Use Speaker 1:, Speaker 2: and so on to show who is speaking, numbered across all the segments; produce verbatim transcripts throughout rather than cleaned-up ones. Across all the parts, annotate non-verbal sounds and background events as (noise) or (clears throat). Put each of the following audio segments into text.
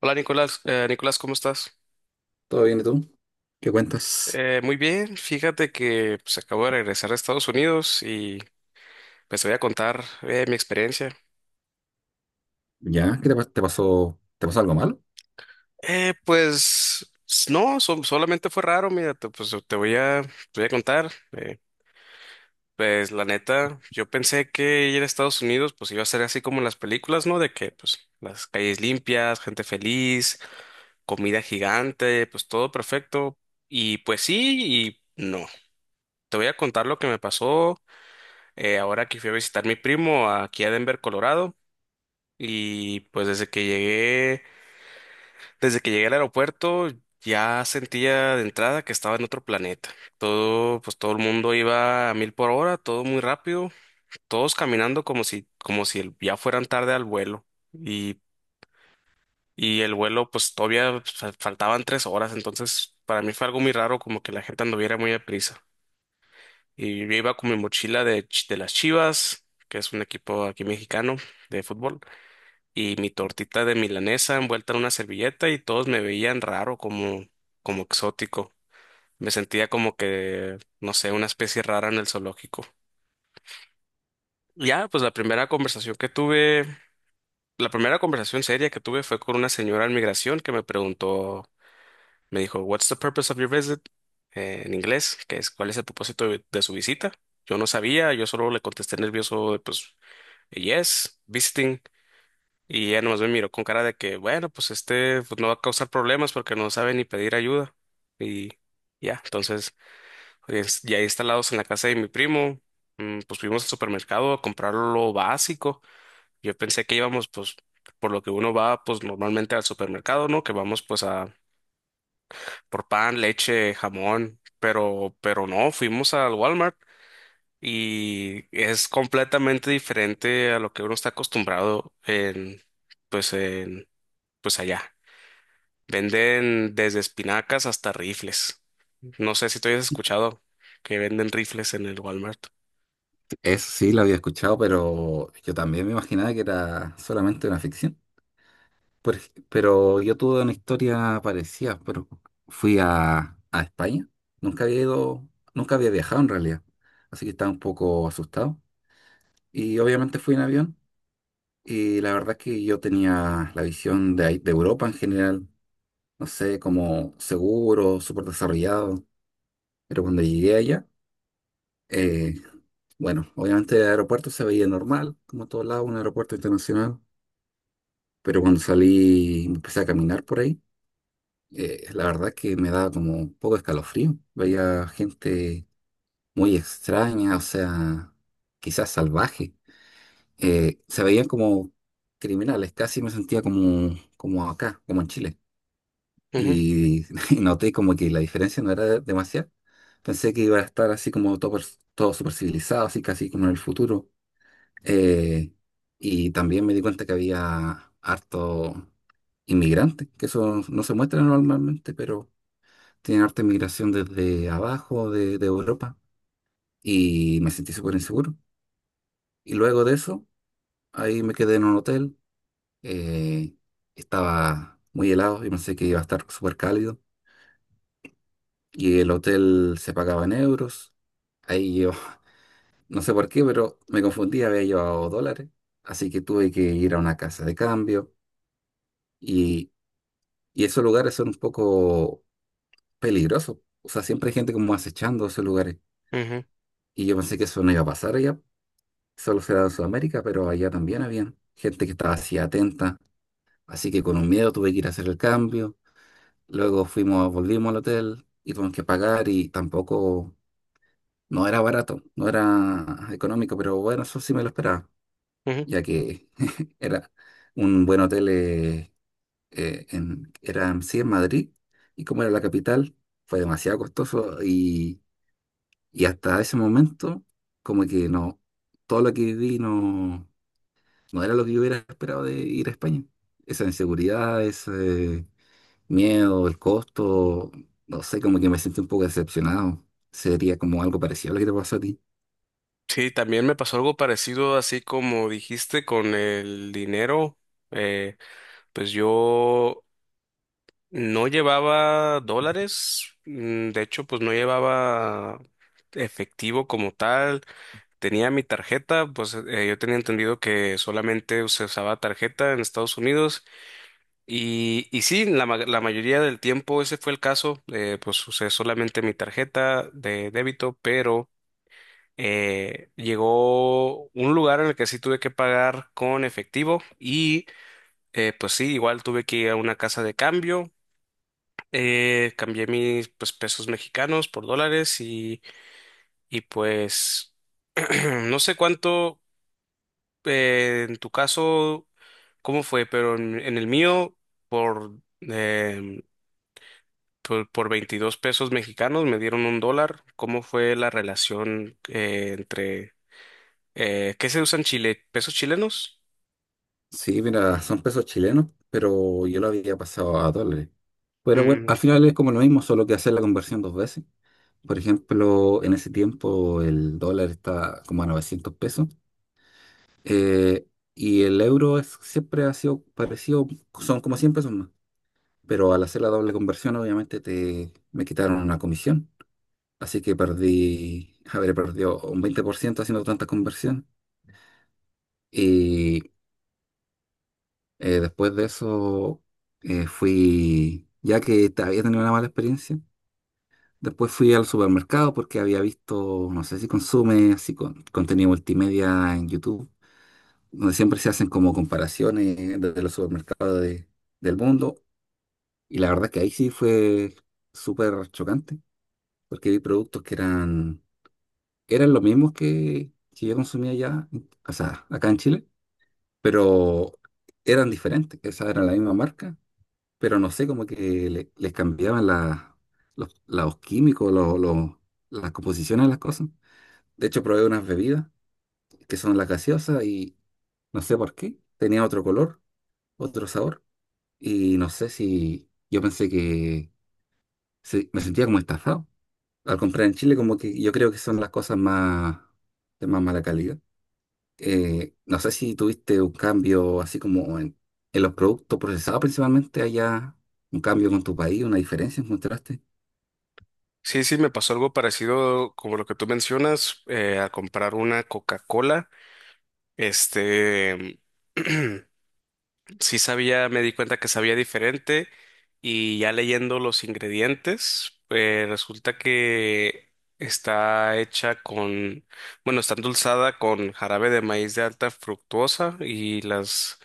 Speaker 1: Hola Nicolás, Eh, Nicolás, ¿cómo estás?
Speaker 2: ¿Todo bien y tú? ¿Qué cuentas?
Speaker 1: Eh, muy bien, fíjate que pues, acabo de regresar a Estados Unidos y pues te voy a contar eh, mi experiencia.
Speaker 2: ¿Ya? ¿Qué te, pa- te pasó? ¿Te pasó algo malo?
Speaker 1: Eh, pues s- no, so- solamente fue raro, mira, te, pues te voy a, te voy a contar. Eh, pues la neta, yo pensé que ir a Estados Unidos pues iba a ser así como en las películas, ¿no? De que pues las calles limpias, gente feliz, comida gigante, pues todo perfecto. Y pues sí y no. Te voy a contar lo que me pasó. Eh, ahora que fui a visitar a mi primo aquí a Denver, Colorado, y pues desde que llegué, desde que llegué al aeropuerto, ya sentía de entrada que estaba en otro planeta. Todo, pues todo el mundo iba a mil por hora, todo muy rápido, todos caminando como si, como si el- ya fueran tarde al vuelo. Y, y el vuelo, pues todavía fa- faltaban tres horas, entonces para mí fue algo muy raro, como que la gente anduviera muy deprisa. Y yo iba con mi mochila de, ch- de las Chivas, que es un equipo aquí mexicano de fútbol. Y mi tortita de milanesa envuelta en una servilleta y todos me veían raro, como, como exótico. Me sentía como que, no sé, una especie rara en el zoológico. Ya, pues la primera conversación que tuve, la primera conversación seria que tuve fue con una señora en migración que me preguntó, me dijo, "What's the purpose of your visit?" Eh, en inglés, que es cuál es el propósito de, de su visita. Yo no sabía, yo solo le contesté nervioso, pues, yes, visiting. Y ella nomás me miró con cara de que, bueno, pues este pues no va a causar problemas porque no sabe ni pedir ayuda. Y ya, entonces, pues, ya instalados en la casa de mi primo, mm, pues fuimos al supermercado a comprar lo básico. Yo pensé que íbamos, pues, por lo que uno va, pues normalmente al supermercado, ¿no? Que vamos, pues, a por pan, leche, jamón, pero, pero no, fuimos al Walmart. Y es completamente diferente a lo que uno está acostumbrado en, pues, en, pues allá. Venden desde espinacas hasta rifles. No sé si tú hayas escuchado que venden rifles en el Walmart.
Speaker 2: Eso sí, lo había escuchado, pero yo también me imaginaba que era solamente una ficción. Por ej- pero yo tuve una historia parecida, pero fui a, a España. Nunca había ido, nunca había viajado en realidad, así que estaba un poco asustado. Y obviamente fui en avión, y la verdad es que yo tenía la visión de, ahí- de Europa en general, no sé, como seguro, súper desarrollado, pero cuando llegué allá. eh, Bueno, obviamente el aeropuerto se veía normal, como todo lado, un aeropuerto internacional, pero cuando salí y empecé a caminar por ahí, eh, la verdad que me daba como un poco de escalofrío. Veía gente muy extraña, o sea, quizás salvaje. Eh, se veían como criminales, casi me sentía como, como acá, como en Chile.
Speaker 1: Ujú,
Speaker 2: Y, (laughs) y noté como que la diferencia no era de- demasiada. Pensé que iba a estar así como todo, per- todo super civilizado, así casi como en el futuro. Eh, y también me di cuenta que había harto inmigrantes, que eso no se muestra normalmente, pero tienen harta inmigración desde abajo de, de Europa, y me sentí súper inseguro. Y luego de eso, ahí me quedé en un hotel. eh, Estaba muy helado y pensé que iba a estar súper cálido, y el hotel se pagaba en euros. Ahí yo, (laughs) no sé por qué, pero me confundí, había llevado dólares, así que tuve que ir a una casa de cambio. Y Y esos lugares son un poco peligrosos. O sea, siempre hay gente como acechando esos lugares.
Speaker 1: ujú,
Speaker 2: Y yo pensé que eso no iba a pasar allá. Solo se da en Sudamérica, pero allá también había gente que estaba así atenta. Así que con un miedo tuve que ir a hacer el cambio. Luego fuimos, volvimos al hotel y tuvimos que pagar, y tampoco, no era barato, no era económico, pero bueno, eso sí me lo esperaba,
Speaker 1: ujú.
Speaker 2: ya que (laughs) era un buen hotel. Eh, eh, en- era sí en Madrid, y como era la capital, fue demasiado costoso, y, y hasta ese momento, como que no, todo lo que viví no, no era lo que yo hubiera esperado de ir a España. Esa inseguridad, ese miedo, el costo, no sé, como que me sentí un poco decepcionado. Sería como algo parecido a lo que te pasó a ti.
Speaker 1: Sí, también me pasó algo parecido, así como dijiste, con el dinero. Eh, pues yo no llevaba dólares, mm, de hecho, pues no llevaba efectivo como tal. Tenía mi tarjeta, pues eh, yo tenía entendido que solamente se usaba tarjeta en Estados Unidos. Y, y sí, la, ma- la mayoría del tiempo ese fue el caso. Eh, pues usé solamente mi tarjeta de débito, pero eh, llegó un lugar en el que sí tuve que pagar con efectivo y eh, pues sí, igual tuve que ir a una casa de cambio. Eh, cambié mis pues, pesos mexicanos por dólares y, y pues (clears throat) no sé cuánto eh, en tu caso, cómo fue, pero en, en el mío por... em, por, por veintidós pesos mexicanos me dieron un dólar. ¿Cómo fue la relación eh, entre... eh, ¿Qué se usa en Chile? ¿Pesos chilenos?
Speaker 2: Sí, mira, son pesos chilenos, pero yo lo había pasado a dólares. Pero bueno,
Speaker 1: Mm,
Speaker 2: al final es como lo mismo, solo que hacer la conversión dos veces. Por ejemplo, en ese tiempo el dólar está como a novecientos pesos. eh, y el euro es- siempre ha sido parecido, son como cien pesos más. Pero al hacer la doble conversión, obviamente te, me quitaron una comisión. Así que perdí, habré perdido un veinte por ciento haciendo tanta conversión. Y eh, después de eso, eh, fui, ya que te- había tenido una mala experiencia. Después fui al supermercado porque había visto, no sé si consume, así con contenido multimedia en YouTube, donde siempre se hacen como comparaciones de los supermercados de- del mundo. Y la verdad que ahí sí fue súper chocante, porque vi productos que eran, eran los mismos que, que yo consumía allá, o sea, acá en Chile, pero eran diferentes. Esa era la misma marca, pero no sé, como que le- les cambiaban la- los, los químicos, los, los- las composiciones de las cosas. De hecho, probé unas bebidas que son las gaseosas y no sé por qué. Tenía otro color, otro sabor. Y no sé si yo pensé que sí, me sentía como estafado. Al comprar en Chile, como que yo creo que son las cosas más de más mala calidad. Eh, no sé si tuviste un cambio así como en, en los productos procesados principalmente allá, un cambio con tu país, una diferencia encontraste.
Speaker 1: sí, sí, me pasó algo parecido como lo que tú mencionas, eh, a comprar una Coca-Cola. Este... (clears throat) sí sabía, me di cuenta que sabía diferente y ya leyendo los ingredientes, eh, resulta que está hecha con, bueno, está endulzada con jarabe de maíz de alta fructuosa y las,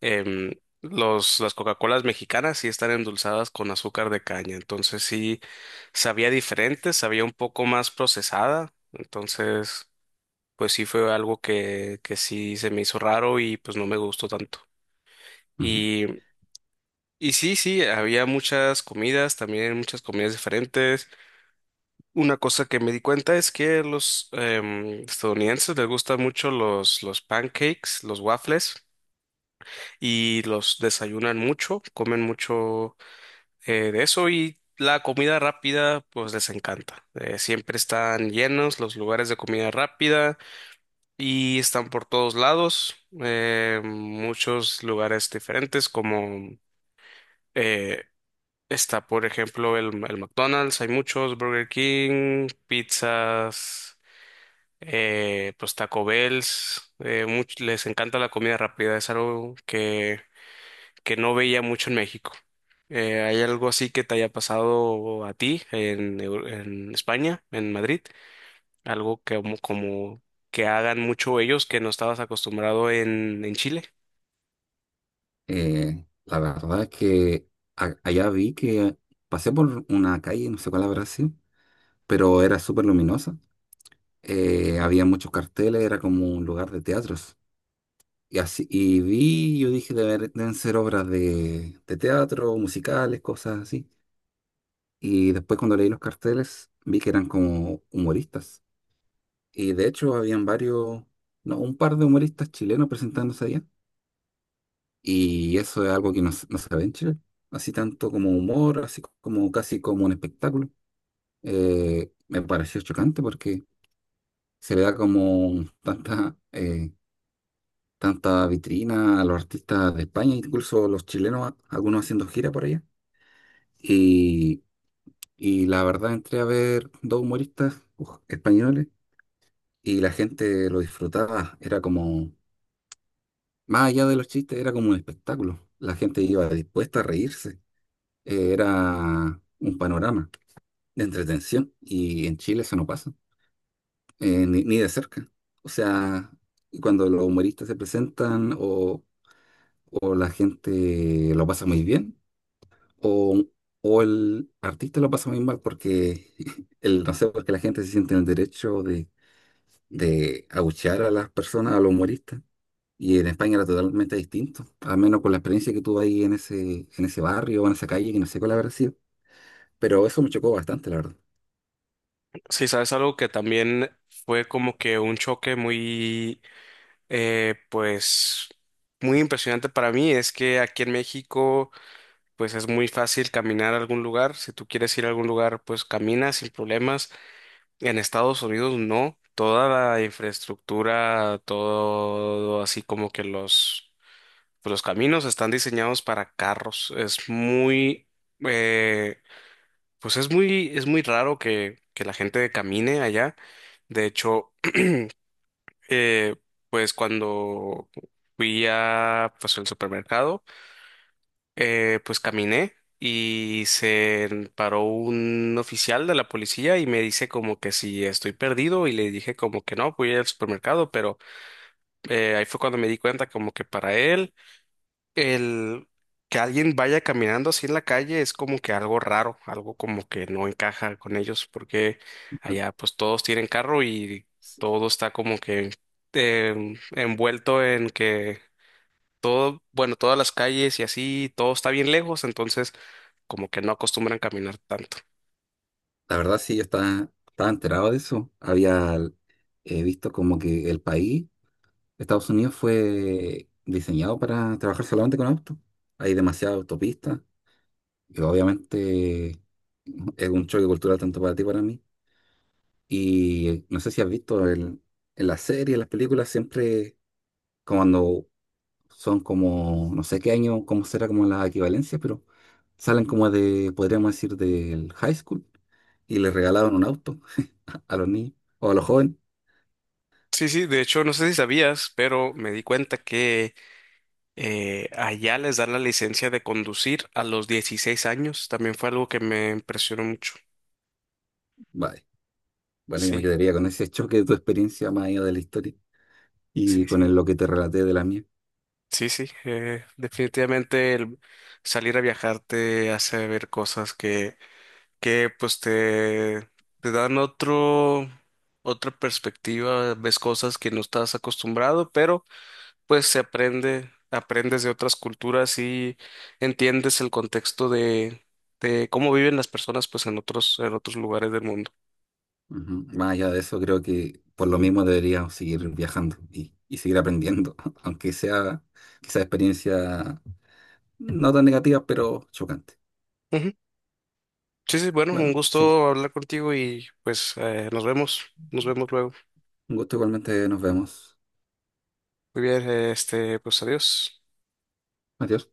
Speaker 1: em, los, las Coca-Colas mexicanas sí están endulzadas con azúcar de caña. Entonces sí sabía diferente, sabía un poco más procesada. Entonces, pues sí fue algo que, que sí se me hizo raro y pues no me gustó tanto.
Speaker 2: Ujú.
Speaker 1: Y y sí, sí, había muchas comidas, también muchas comidas diferentes. Una cosa que me di cuenta es que los em, estadounidenses les gustan mucho los, los pancakes, los waffles, y los desayunan mucho, comen mucho eh, de eso y la comida rápida pues les encanta. Eh, siempre están llenos los lugares de comida rápida y están por todos lados, eh, muchos lugares diferentes como... eh, Está, por ejemplo, el, el McDonald's, hay muchos, Burger King, pizzas, eh, pues Taco Bells, eh, much- les encanta la comida rápida, es algo que, que no veía mucho en México. Eh, ¿hay algo así que te haya pasado a ti en, Eu- en España, en Madrid? Algo que como, como que hagan mucho ellos que no estabas acostumbrado en, en Chile.
Speaker 2: Eh, la verdad es que a- allá vi que pasé por una calle, no sé cuál habrá sido, pero era súper luminosa. Eh, había muchos carteles, era como un lugar de teatros. Y así, y vi, yo dije, "Debe- deben ser obras de, de teatro, musicales, cosas así". Y después, cuando leí los carteles, vi que eran como humoristas. Y de hecho habían varios, no, un par de humoristas chilenos presentándose allá. Y eso es algo que no, se- no se ve en Chile. Así tanto como humor, así como casi como un espectáculo. Eh, me pareció chocante porque se le da como tanta, eh, tanta vitrina a los artistas de España, incluso los chilenos, a- algunos haciendo gira por allá. Y, y la verdad entré a ver dos humoristas uf, españoles, y la gente lo disfrutaba. Era como, más allá de los chistes, era como un espectáculo. La gente iba dispuesta a reírse. Eh, Era un panorama de entretención, y en Chile eso no pasa, eh, ni, ni de cerca. O sea, cuando los humoristas se presentan o, o la gente lo pasa muy bien. O, o el artista lo pasa muy mal porque, (laughs) el, no sé, porque la gente se siente en el derecho de, de abuchear a las personas, a los humoristas. Y en España era totalmente distinto, al menos con la experiencia que tuve ahí en ese, en ese barrio, en esa calle, que no sé cuál habrá sido. Pero eso me chocó bastante, la verdad.
Speaker 1: Sí, sabes, algo que también fue como que un choque muy Eh, pues muy impresionante para mí es que aquí en México pues es muy fácil caminar a algún lugar. Si tú quieres ir a algún lugar pues caminas sin problemas. En Estados Unidos no. Toda la infraestructura, todo así como que los, pues, los caminos están diseñados para carros. Es muy, eh, pues es muy, es muy raro que, que la gente camine allá. De hecho, eh, pues cuando fui a pues el supermercado, eh, pues caminé y se paró un oficial de la policía y me dice como que si estoy perdido y le dije como que no, fui al supermercado, pero eh, ahí fue cuando me di cuenta como que para él. El que alguien vaya caminando así en la calle es como que algo raro, algo como que no encaja con ellos, porque allá pues todos tienen carro y
Speaker 2: Sí.
Speaker 1: todo está como que em, envuelto en que todo, bueno, todas las calles y así, todo está bien lejos, entonces como que no acostumbran caminar tanto.
Speaker 2: La verdad, sí, yo estaba, estaba enterado de eso. Había eh, visto como que el país, Estados Unidos, fue diseñado para trabajar solamente con autos. Hay demasiadas autopistas que obviamente es un choque cultural tanto para ti como para mí. Y no sé si has visto el- en las series, en las películas, siempre cuando son como, no sé qué año, cómo será como la equivalencia, pero salen como de, podríamos decir, del high school, y les regalaron un auto (laughs) a los niños o a los jóvenes.
Speaker 1: Sí, sí, de hecho no sé si sabías, pero me di cuenta que eh, allá les dan la licencia de conducir a los dieciséis años, también fue algo que me impresionó mucho.
Speaker 2: Vale. Bueno, yo me
Speaker 1: Sí.
Speaker 2: quedaría con ese (laughs) choque de tu experiencia más allá de la historia, y
Speaker 1: Sí,
Speaker 2: con
Speaker 1: sí.
Speaker 2: el- lo que te relaté de la mía.
Speaker 1: Sí, sí, eh, definitivamente el salir a viajar te hace ver cosas que, que pues te, te dan otro, otra perspectiva, ves cosas que no estás acostumbrado, pero pues se aprende, aprendes de otras culturas y entiendes el contexto de, de cómo viven las personas pues en otros, en otros lugares del mundo.
Speaker 2: Ujú. Más allá de eso, creo que por lo mismo deberíamos seguir viajando y, y seguir aprendiendo, (laughs) aunque sea quizá experiencia no tan negativa, pero chocante.
Speaker 1: Ujú. Sí, sí, bueno, un
Speaker 2: Bueno, sí,
Speaker 1: gusto hablar contigo y pues eh, nos vemos, nos vemos luego.
Speaker 2: un gusto igualmente, nos vemos.
Speaker 1: Muy bien, este, pues adiós.
Speaker 2: Adiós.